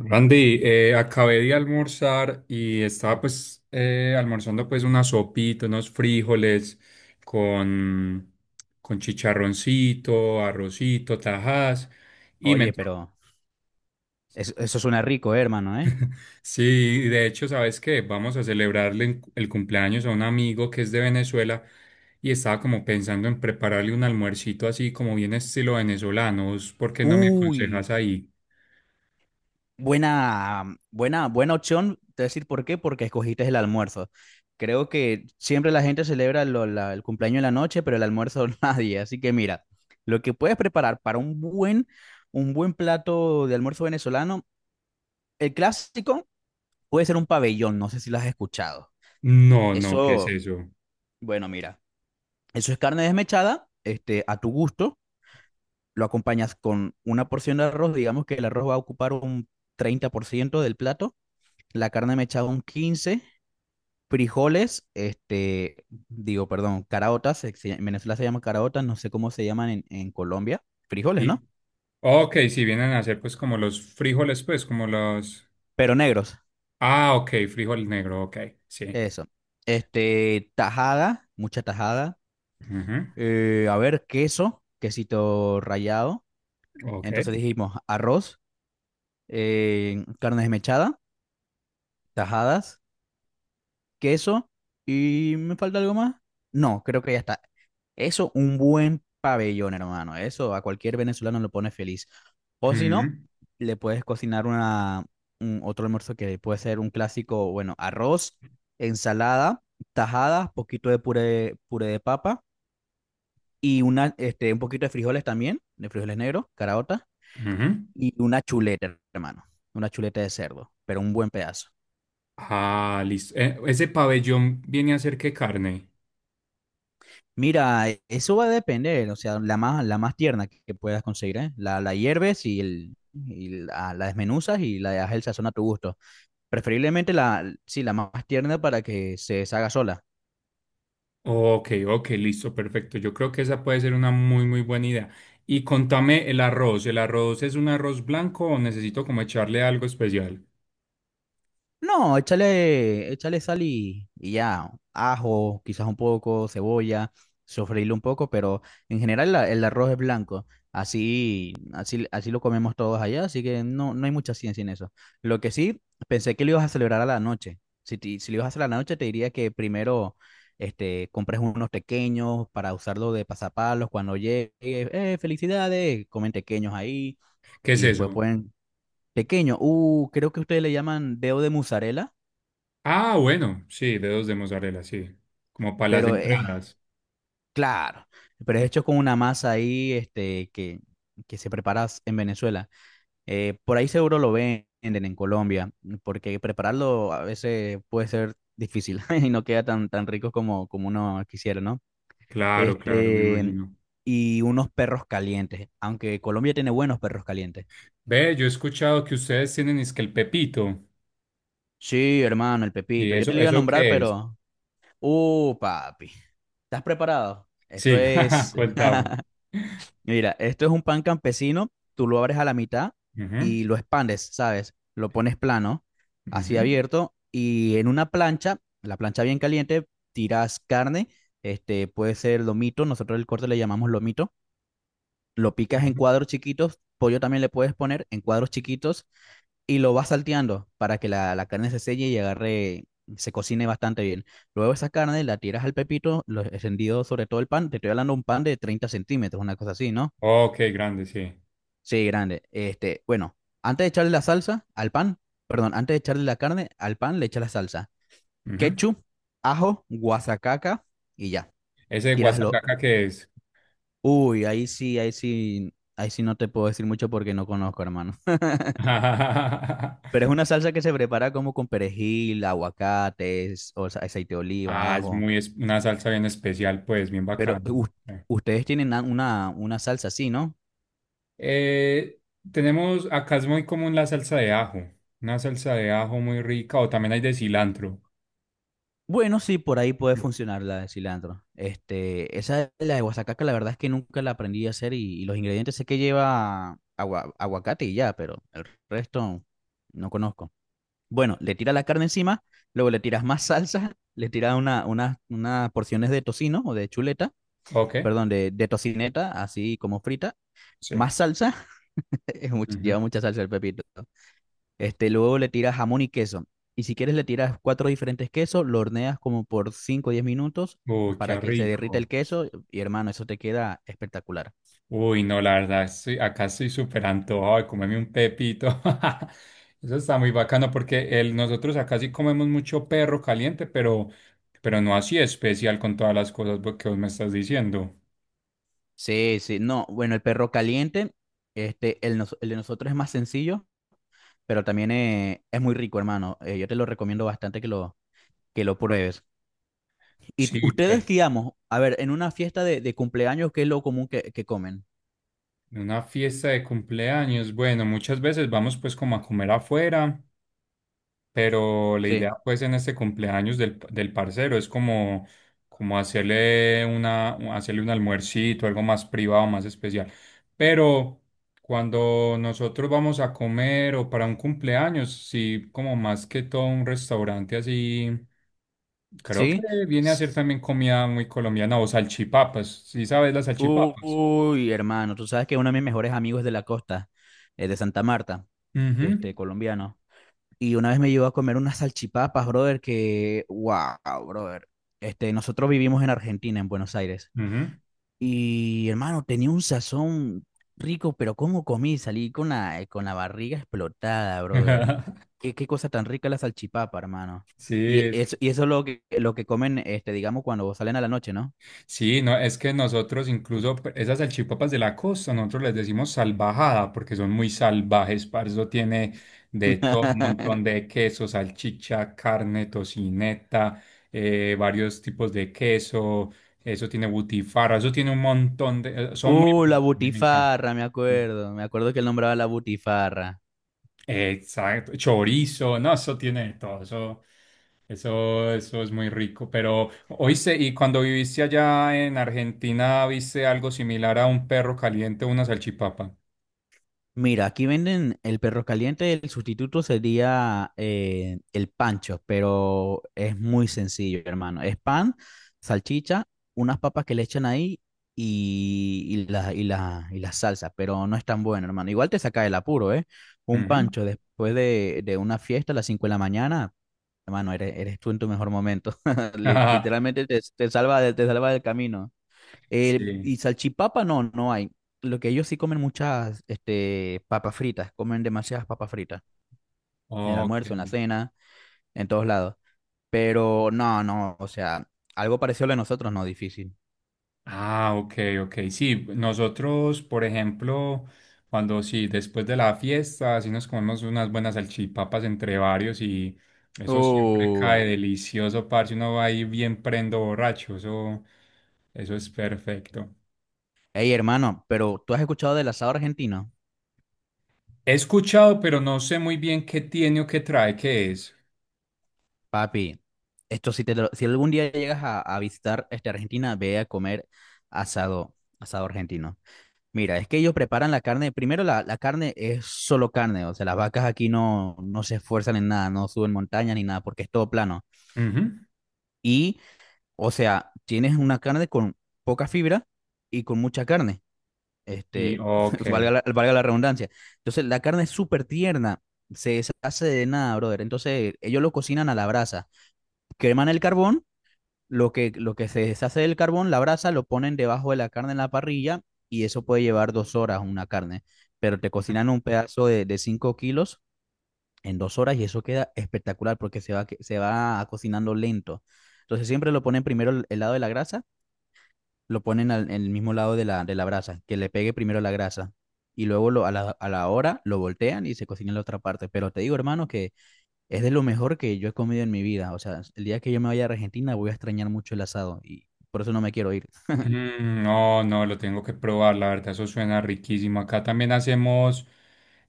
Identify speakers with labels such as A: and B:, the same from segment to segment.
A: Randy, acabé de almorzar y estaba pues almorzando pues una sopita, unos frijoles con, con chicharroncito, arrocito, tajas y me
B: Oye,
A: entró.
B: pero eso suena rico, hermano, ¿eh?
A: Sí, de hecho, ¿sabes qué? Vamos a celebrarle el cumpleaños a un amigo que es de Venezuela y estaba como pensando en prepararle un almuercito así como bien estilo venezolano. ¿Vos ¿Por qué no me
B: Uy,
A: aconsejas ahí?
B: buena opción. Te voy a decir por qué, porque escogiste el almuerzo. Creo que siempre la gente celebra el cumpleaños en la noche, pero el almuerzo nadie. Así que mira, lo que puedes preparar para un buen plato de almuerzo venezolano, el clásico puede ser un pabellón, no sé si lo has escuchado.
A: No, no, ¿qué es
B: Eso,
A: eso?
B: bueno, mira, eso es carne desmechada, a tu gusto lo acompañas con una porción de arroz, digamos que el arroz va a ocupar un 30% del plato, la carne mechada un 15%, frijoles, digo, perdón, caraotas, en Venezuela se llaman caraotas, no sé cómo se llaman en Colombia, frijoles, ¿no?
A: Ok, si vienen a hacer pues como los frijoles, pues como los...
B: Pero negros,
A: Ah, ok, frijol negro, ok, sí.
B: eso. Tajada, mucha tajada,
A: Ujú.
B: a ver, queso, quesito rallado,
A: Ok.
B: entonces dijimos arroz, carne desmechada, tajadas, queso y me falta algo más. No, creo que ya está. Eso, un buen pabellón, hermano. Eso a cualquier venezolano lo pone feliz. O si no,
A: Ujú,
B: le puedes cocinar otro almuerzo que puede ser un clásico, bueno, arroz, ensalada, tajada, poquito de puré, puré de papa y un poquito de frijoles también, de frijoles negros, caraotas,
A: ujú.
B: y una chuleta, hermano. Una chuleta de cerdo, pero un buen pedazo.
A: Ah, listo. ¿Ese pabellón viene a ser qué carne?
B: Mira, eso va a depender, o sea, la más tierna que puedas conseguir, ¿eh? La hierves y, la desmenuzas y la dejas el sazón a tu gusto. Preferiblemente sí, la más tierna para que se deshaga sola.
A: Ok, ok, listo, perfecto. Yo creo que esa puede ser una muy, muy buena idea. Y contame el arroz. ¿El arroz es un arroz blanco o necesito como echarle algo especial?
B: No, échale sal y ya, ajo, quizás un poco, cebolla, sofreírlo un poco, pero en general el arroz es blanco. Así lo comemos todos allá, así que no, no hay mucha ciencia en eso. Lo que sí, pensé que lo ibas a celebrar a la noche. Si lo ibas a hacer a la noche, te diría que primero compres unos pequeños para usarlo de pasapalos cuando llegue. ¡Eh, felicidades! Comen pequeños ahí
A: ¿Qué es
B: y después
A: eso?
B: pueden... Pequeño, creo que ustedes le llaman dedo de mozzarella,
A: Ah, bueno, sí, dedos de mozzarella, sí. Como para las
B: pero es,
A: entradas.
B: claro, pero es hecho con una masa ahí, que se prepara en Venezuela. Por ahí seguro lo venden en Colombia, porque prepararlo a veces puede ser difícil y no queda tan, tan rico como uno quisiera, ¿no?
A: Claro, claro, me
B: Este,
A: imagino.
B: y unos perros calientes, aunque Colombia tiene buenos perros calientes.
A: Ve, yo he escuchado que ustedes tienen es que el Pepito.
B: Sí, hermano, el
A: ¿Y
B: Pepito. Yo te
A: eso,
B: lo iba a
A: eso
B: nombrar,
A: qué es?
B: pero... Papi. ¿Estás preparado? Esto
A: Sí,
B: es...
A: cuéntame.
B: Mira, esto es un pan campesino, tú lo abres a la mitad
A: Ujú,
B: y lo expandes, ¿sabes? Lo pones plano, así
A: ujú,
B: abierto, y en una plancha, la plancha bien caliente, tiras carne, este puede ser lomito, nosotros el corte le llamamos lomito, lo picas en
A: ujú.
B: cuadros chiquitos, pollo también le puedes poner en cuadros chiquitos y lo vas salteando para que la carne se selle y agarre, se cocine bastante bien. Luego esa carne la tiras al pepito, lo extendido sobre todo el pan, te estoy hablando de un pan de 30 centímetros, una cosa así, ¿no?
A: Ok, grande, sí.
B: Sí, grande. Bueno, antes de echarle la salsa al pan, perdón, antes de echarle la carne al pan, le echas la salsa.
A: Ujú.
B: Ketchup, ajo, guasacaca y ya.
A: Ese de
B: Tíraslo.
A: guasacaca qué es.
B: Uy, ahí sí, ahí sí, ahí sí no te puedo decir mucho porque no conozco, hermano. Pero es una salsa que se prepara como con perejil, aguacates, o sea, aceite de oliva,
A: Ah,
B: ajo.
A: una salsa bien especial, pues, bien
B: Pero
A: bacana. Eh,
B: ustedes tienen una salsa así, ¿no?
A: eh, tenemos, acá es muy común la salsa de ajo. Una salsa de ajo muy rica, o también hay de cilantro.
B: Bueno, sí, por ahí puede funcionar la de cilantro. Esa de la de guasacaca, la verdad es que nunca la aprendí a hacer y los ingredientes sé que lleva aguacate y ya, pero el resto no conozco. Bueno, le tiras la carne encima, luego le tiras más salsa, le tiras unas porciones de tocino o de chuleta,
A: Ok,
B: perdón, de tocineta, así como frita,
A: sí.
B: más salsa,
A: Ujú.
B: lleva mucha salsa el pepito. Luego le tiras jamón y queso. Y si quieres le tiras cuatro diferentes quesos, lo horneas como por 5 o 10 minutos
A: Uy, qué
B: para que se derrita el
A: rico.
B: queso. Y hermano, eso te queda espectacular.
A: Uy, no, la verdad, estoy, acá estoy súper antojado de comerme un pepito. Eso está muy bacano porque el, nosotros acá sí comemos mucho perro caliente, pero no así especial con todas las cosas que vos me estás diciendo.
B: Sí, sí, no, bueno, el perro caliente, el de nosotros es más sencillo, pero también es muy rico, hermano. Yo te lo recomiendo bastante que lo pruebes. Y
A: Sí,
B: ustedes,
A: pero
B: digamos, a ver, en una fiesta de cumpleaños, ¿qué es lo común que comen?
A: en una fiesta de cumpleaños, bueno, muchas veces vamos pues como a comer afuera. Pero la
B: Sí,
A: idea, pues, en este cumpleaños del, del parcero es como, como hacerle una, hacerle un almuercito, algo más privado, más especial. Pero cuando nosotros vamos a comer o para un cumpleaños, sí, como más que todo un restaurante así, creo que
B: sí.
A: viene a ser también comida muy colombiana o salchipapas. ¿Sí sabes las salchipapas?
B: Uy, hermano, tú sabes que uno de mis mejores amigos es de la costa, de Santa Marta,
A: Ujú,
B: colombiano. Y una vez me llevó a comer unas salchipapas, brother, que, wow, brother. Nosotros vivimos en Argentina, en Buenos Aires.
A: ujú.
B: Y, hermano, tenía un sazón rico, pero ¿cómo comí? Salí con la barriga explotada, brother. Qué cosa tan rica la salchipapa, hermano.
A: Sí,
B: Y
A: es
B: eso,
A: que
B: y eso es lo que comen, digamos, cuando salen a la noche, ¿no?
A: Sí, no, es que nosotros incluso esas salchipapas de la costa, nosotros les decimos salvajada porque son muy salvajes, parce, eso tiene de todo un montón de queso, salchicha, carne, tocineta, varios tipos de queso, eso tiene butifarra, eso tiene un montón de, son muy
B: La
A: buenas, a mí me encanta.
B: butifarra, me acuerdo. Me acuerdo que él nombraba la butifarra.
A: Exacto, chorizo, no, eso tiene de todo, eso es muy rico. Pero, oíste, y cuando viviste allá en Argentina, ¿viste algo similar a un perro caliente o una salchipapa?
B: Mira, aquí venden el perro caliente, el sustituto sería, el pancho, pero es muy sencillo, hermano. Es pan, salchicha, unas papas que le echan ahí y la salsa, pero no es tan bueno, hermano. Igual te saca del apuro, ¿eh? Un
A: Ujú.
B: pancho después de una fiesta a las 5 de la mañana, hermano, eres tú en tu mejor momento.
A: Ah,
B: Literalmente te salva, te salva del camino.
A: sí,
B: Y salchipapa no hay. Lo que ellos sí comen muchas, papas fritas, comen demasiadas papas fritas, en el
A: ok.
B: almuerzo, en la cena, en todos lados. Pero no, o sea, algo parecido a lo de nosotros, no, difícil.
A: Ah, ok, ok. Sí, nosotros, por ejemplo, cuando sí, después de la fiesta, sí nos comemos unas buenas salchipapas entre varios y eso siempre
B: Uh,
A: cae delicioso, parce. Uno va ahí bien prendo borracho, eso es perfecto.
B: Hey hermano, pero ¿tú has escuchado del asado argentino?
A: He escuchado, pero no sé muy bien qué tiene o qué trae, qué es.
B: Papi, esto, si algún día llegas a visitar, Argentina, ve a comer asado, argentino. Mira, es que ellos preparan la carne. Primero, la carne es solo carne. O sea, las vacas aquí no se esfuerzan en nada, no suben montañas ni nada, porque es todo plano.
A: Ujú.
B: Y, o sea, tienes una carne con poca fibra y con mucha carne.
A: Y
B: Este, valga
A: ok.
B: la, valga la redundancia. Entonces, la carne es súper tierna. Se deshace de nada, brother. Entonces, ellos lo cocinan a la brasa. Queman el carbón, lo que se deshace del carbón, la brasa, lo ponen debajo de la carne en la parrilla y eso puede llevar 2 horas una carne. Pero te cocinan un pedazo de 5 kilos en 2 horas y eso queda espectacular porque se va, se va cocinando lento. Entonces siempre lo ponen primero el lado de la grasa, lo ponen en el mismo lado de la brasa, que le pegue primero la grasa. Y luego a la hora lo voltean y se cocina en la otra parte. Pero te digo, hermano, que es de lo mejor que yo he comido en mi vida. O sea, el día que yo me vaya a Argentina voy a extrañar mucho el asado y por eso no me quiero ir.
A: No, no, lo tengo que probar, la verdad, eso suena riquísimo. Acá también hacemos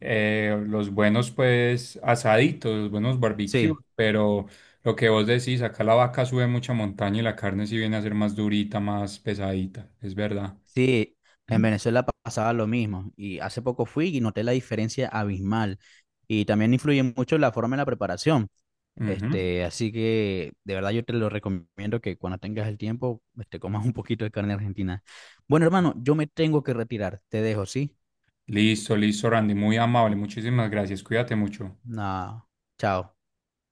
A: los buenos, pues, asaditos, los buenos barbecues,
B: Sí,
A: pero lo que vos decís, acá la vaca sube mucha montaña y la carne sí viene a ser más durita, más pesadita, es verdad.
B: sí, en Venezuela pasaba lo mismo y hace poco fui y noté la diferencia abismal y también influye mucho la forma de la preparación.
A: Ujú.
B: Así que de verdad yo te lo recomiendo que cuando tengas el tiempo, comas un poquito de carne argentina. Bueno, hermano, yo me tengo que retirar. Te dejo, ¿sí?
A: Listo, listo, Randy, muy amable, muchísimas gracias, cuídate mucho.
B: Nada, chao.